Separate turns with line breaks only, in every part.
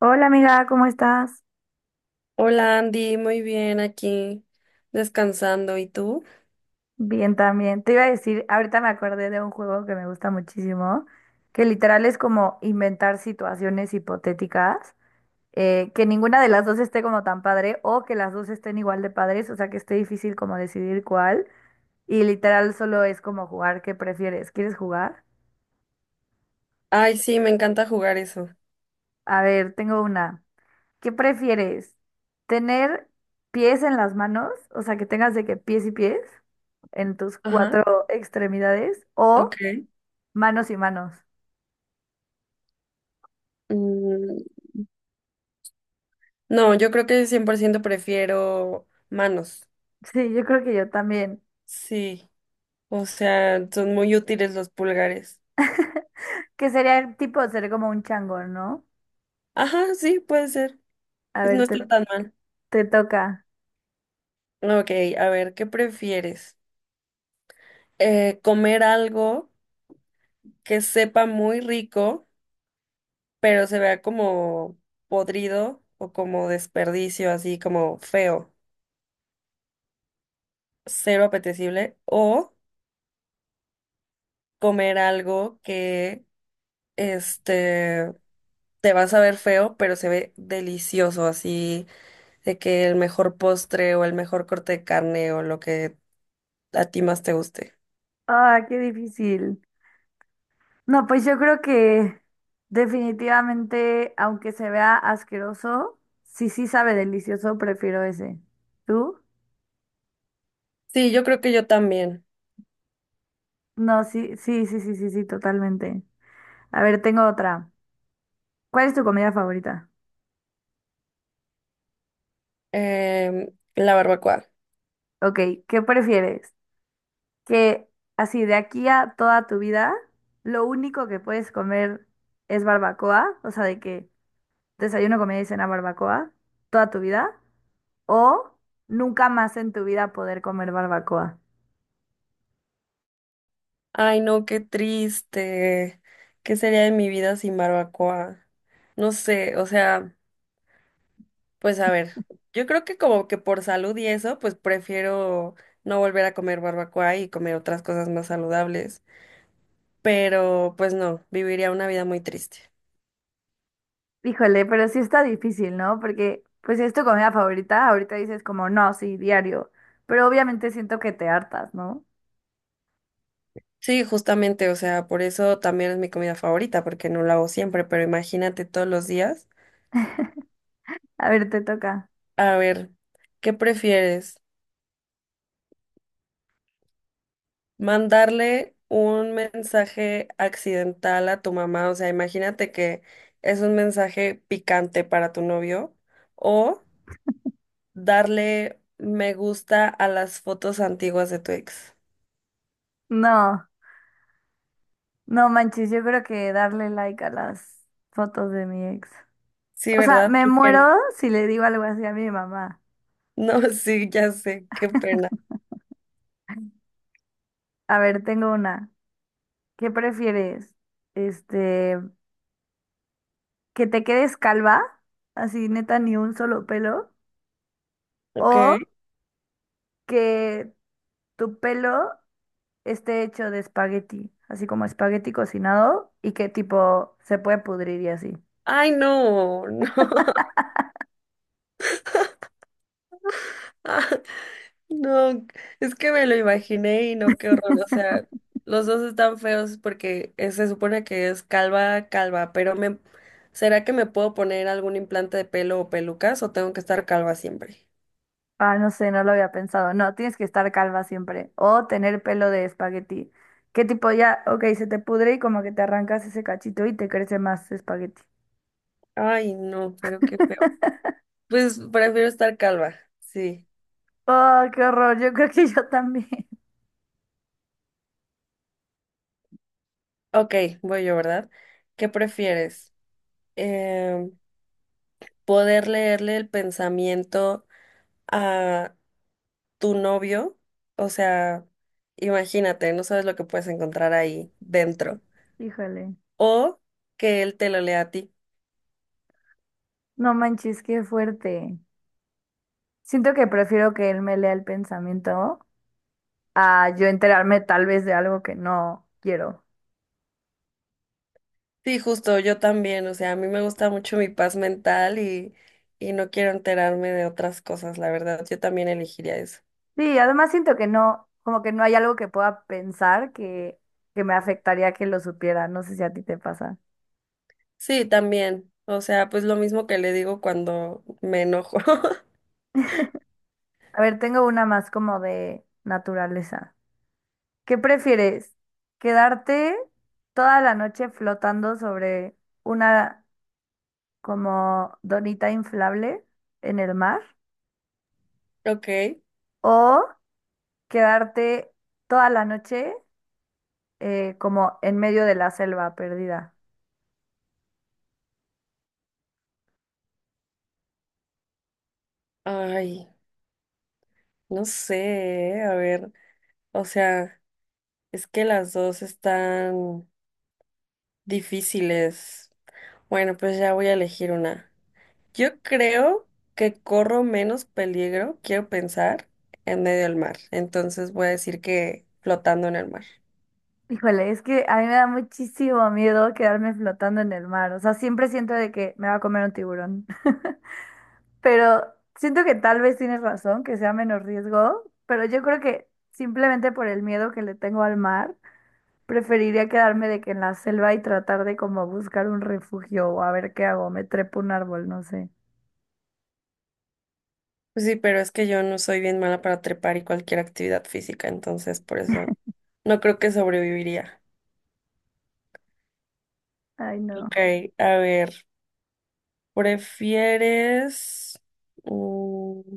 Hola amiga, ¿cómo estás?
Hola Andy, muy bien aquí, descansando. ¿Y tú?
Bien también. Te iba a decir, ahorita me acordé de un juego que me gusta muchísimo, que literal es como inventar situaciones hipotéticas, que ninguna de las dos esté como tan padre o que las dos estén igual de padres, o sea que esté difícil como decidir cuál. Y literal solo es como jugar, ¿qué prefieres? ¿Quieres jugar?
Ay, sí, me encanta jugar eso.
A ver, tengo una. ¿Qué prefieres? ¿Tener pies en las manos? O sea, que tengas de que pies y pies en tus
Ajá,
cuatro extremidades o
ok.
manos y manos.
Mm, no, yo creo que 100% prefiero manos.
Sí, yo creo que yo también.
Sí, o sea, son muy útiles los pulgares.
Que sería el tipo de ser como un chango, ¿no?
Ajá, sí, puede ser.
A
Pues no
ver,
está tan mal.
te toca.
Ok, a ver, ¿qué prefieres? ¿Comer algo que sepa muy rico, pero se vea como podrido o como desperdicio, así como feo? Cero apetecible o comer algo que este te vas a ver feo, pero se ve delicioso, así de que el mejor postre o el mejor corte de carne o lo que a ti más te guste.
Ah, qué difícil. No, pues yo creo que definitivamente, aunque se vea asqueroso, si sí sabe delicioso, prefiero ese. ¿Tú?
Sí, yo creo que yo también.
No, sí, sí, sí, sí, sí, sí, totalmente. A ver, tengo otra. ¿Cuál es tu comida favorita?
Em, la barbacoa.
Ok, ¿qué prefieres? Que así de aquí a toda tu vida, lo único que puedes comer es barbacoa, o sea, de que desayuno, comida y cena barbacoa toda tu vida, o nunca más en tu vida poder comer barbacoa.
Ay, no, qué triste. ¿Qué sería de mi vida sin barbacoa? No sé, o sea. Pues a ver, yo creo que como que por salud y eso, pues prefiero no volver a comer barbacoa y comer otras cosas más saludables. Pero pues no, viviría una vida muy triste.
Híjole, pero sí está difícil, ¿no? Porque pues si es tu comida favorita, ahorita dices como, no, sí, diario, pero obviamente siento que te hartas, ¿no?
Sí, justamente, o sea, por eso también es mi comida favorita, porque no la hago siempre, pero imagínate todos los días.
A ver, te toca.
A ver, ¿qué prefieres? ¿Mandarle un mensaje accidental a tu mamá? O sea, imagínate que es un mensaje picante para tu novio o darle me gusta a las fotos antiguas de tu ex.
No, no manches, yo creo que darle like a las fotos de mi ex.
Sí,
O sea,
¿verdad?
me
Qué pena.
muero si le digo algo así a mi mamá.
No, sí, ya sé, qué pena.
A ver, tengo una. ¿Qué prefieres? Este, que te quedes calva, así neta ni un solo pelo,
Ok.
o que tu pelo esté hecho de espagueti, así como espagueti cocinado y que tipo se puede pudrir y así.
Ay, no, no. Ah, no, es que me lo imaginé y no, qué horror. O sea, los dos están feos porque se supone que es calva, calva, ¿será que me puedo poner algún implante de pelo o pelucas o tengo que estar calva siempre?
Ah, no sé, no lo había pensado. No, tienes que estar calva siempre o tener pelo de espagueti. Que tipo ya, ok, se te pudre y como que te arrancas ese cachito y te crece más espagueti.
Ay, no, pero qué feo. Pues prefiero estar calva, sí.
Oh, qué horror. Yo creo que yo también.
Ok, voy yo, ¿verdad? ¿Qué prefieres? Eh, ¿Poder leerle el pensamiento a tu novio? O sea, imagínate, no sabes lo que puedes encontrar ahí dentro.
Híjole.
O que él te lo lea a ti.
No manches, qué fuerte. Siento que prefiero que él me lea el pensamiento a yo enterarme tal vez de algo que no quiero.
Sí, justo, yo también. O sea, a mí me gusta mucho mi paz mental y no quiero enterarme de otras cosas, la verdad. Yo también elegiría eso.
Sí, además siento que no, como que no hay algo que pueda pensar que me afectaría que lo supiera. No sé si a ti te pasa.
Sí, también. O sea, pues lo mismo que le digo cuando me enojo.
A ver, tengo una más como de naturaleza. ¿Qué prefieres? ¿Quedarte toda la noche flotando sobre una como donita inflable en el mar
Ok.
o quedarte toda la noche como en medio de la selva perdida?
Ay. No sé, a ver, o sea, es que las dos están difíciles. Bueno, pues ya voy a elegir una. Yo creo que corro menos peligro, quiero pensar, en medio del mar. Entonces voy a decir que flotando en el mar.
Híjole, es que a mí me da muchísimo miedo quedarme flotando en el mar. O sea, siempre siento de que me va a comer un tiburón. Pero siento que tal vez tienes razón, que sea menos riesgo, pero yo creo que simplemente por el miedo que le tengo al mar, preferiría quedarme de que en la selva y tratar de como buscar un refugio o a ver qué hago, me trepo un árbol, no sé.
Pues sí, pero es que yo no soy bien mala para trepar y cualquier actividad física, entonces por eso no creo que sobreviviría.
Ay, no,
Ok, a ver, ¿prefieres... mm,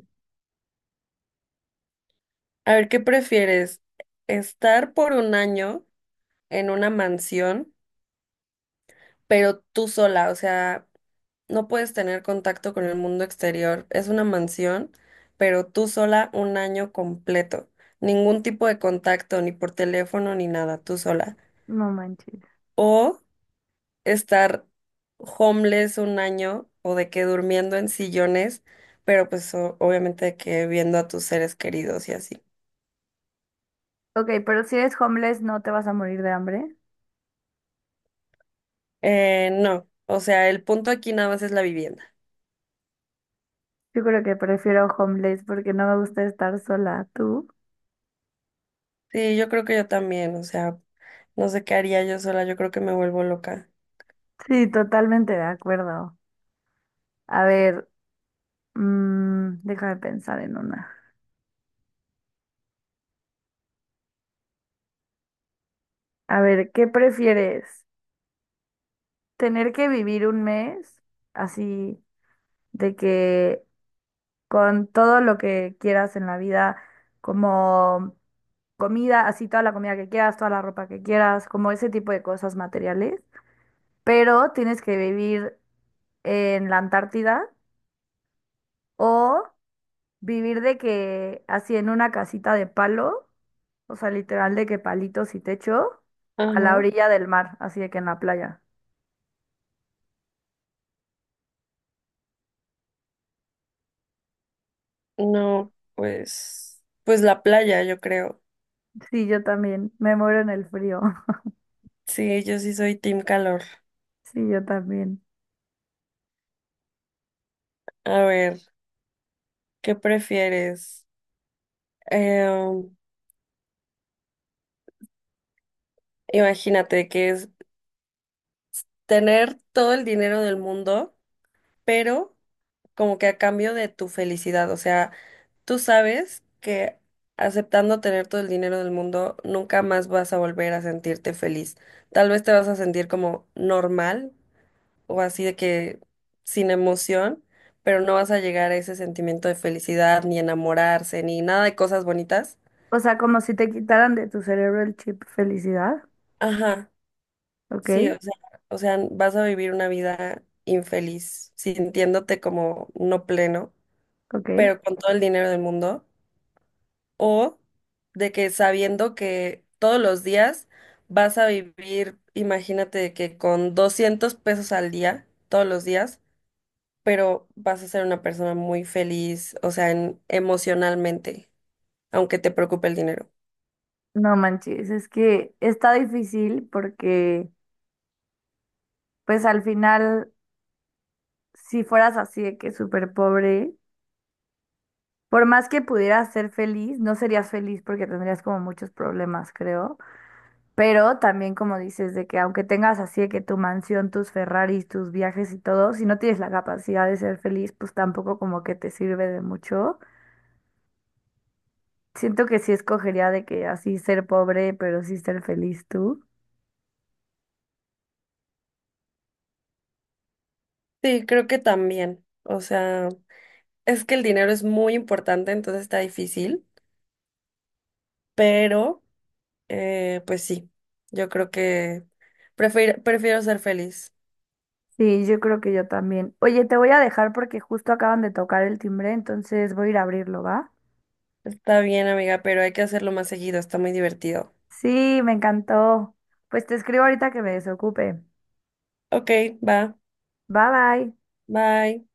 A ver, ¿qué prefieres? ¿Estar por un año en una mansión, pero tú sola? O sea, no puedes tener contacto con el mundo exterior. Es una mansión, pero tú sola un año completo. Ningún tipo de contacto, ni por teléfono, ni nada, tú sola.
no manches.
O estar homeless un año o de que durmiendo en sillones, pero pues obviamente de que viendo a tus seres queridos y así.
Ok, pero si eres homeless, ¿no te vas a morir de hambre?
No, o sea, el punto aquí nada más es la vivienda.
Yo creo que prefiero homeless porque no me gusta estar sola. ¿Tú?
Sí, yo creo que yo también, o sea, no sé qué haría yo sola, yo creo que me vuelvo loca.
Sí, totalmente de acuerdo. A ver, mm, déjame pensar en una. A ver, ¿qué prefieres? ¿Tener que vivir un mes así de que con todo lo que quieras en la vida, como comida, así toda la comida que quieras, toda la ropa que quieras, como ese tipo de cosas materiales, pero tienes que vivir en la Antártida, o vivir de que así en una casita de palo, o sea, literal de que palitos y techo, a la
Ajá.
orilla del mar, así de que en la playa?
No, pues, pues la playa, yo creo.
Sí, yo también, me muero en el frío.
Sí, yo sí soy team calor.
Sí, yo también.
A ver, ¿qué prefieres? Em, Imagínate que es tener todo el dinero del mundo, pero como que a cambio de tu felicidad, o sea, tú sabes que aceptando tener todo el dinero del mundo, nunca más vas a volver a sentirte feliz. Tal vez te vas a sentir como normal o así de que sin emoción, pero no vas a llegar a ese sentimiento de felicidad, ni enamorarse, ni nada de cosas bonitas.
O sea, como si te quitaran de tu cerebro el chip felicidad,
Ajá, sí,
¿ok?
o sea, vas a vivir una vida infeliz, sintiéndote como no pleno,
¿Ok?
pero con todo el dinero del mundo. O de que sabiendo que todos los días vas a vivir, imagínate que con 200 pesos al día, todos los días, pero vas a ser una persona muy feliz, o sea, emocionalmente, aunque te preocupe el dinero.
No manches, es que está difícil porque pues al final, si fueras así de que súper pobre, por más que pudieras ser feliz, no serías feliz porque tendrías como muchos problemas, creo. Pero también como dices, de que aunque tengas así de que tu mansión, tus Ferraris, tus viajes y todo, si no tienes la capacidad de ser feliz, pues tampoco como que te sirve de mucho. Siento que sí escogería de que así ser pobre, pero sí ser feliz tú.
Sí, creo que también, o sea, es que el dinero es muy importante, entonces está difícil, pero pues sí, yo creo que prefiero ser feliz.
Sí, yo creo que yo también. Oye, te voy a dejar porque justo acaban de tocar el timbre, entonces voy a ir a abrirlo, ¿va?
Está bien, amiga, pero hay que hacerlo más seguido, está muy divertido.
Sí, me encantó. Pues te escribo ahorita que me desocupe.
Ok, va.
Bye bye.
Bye.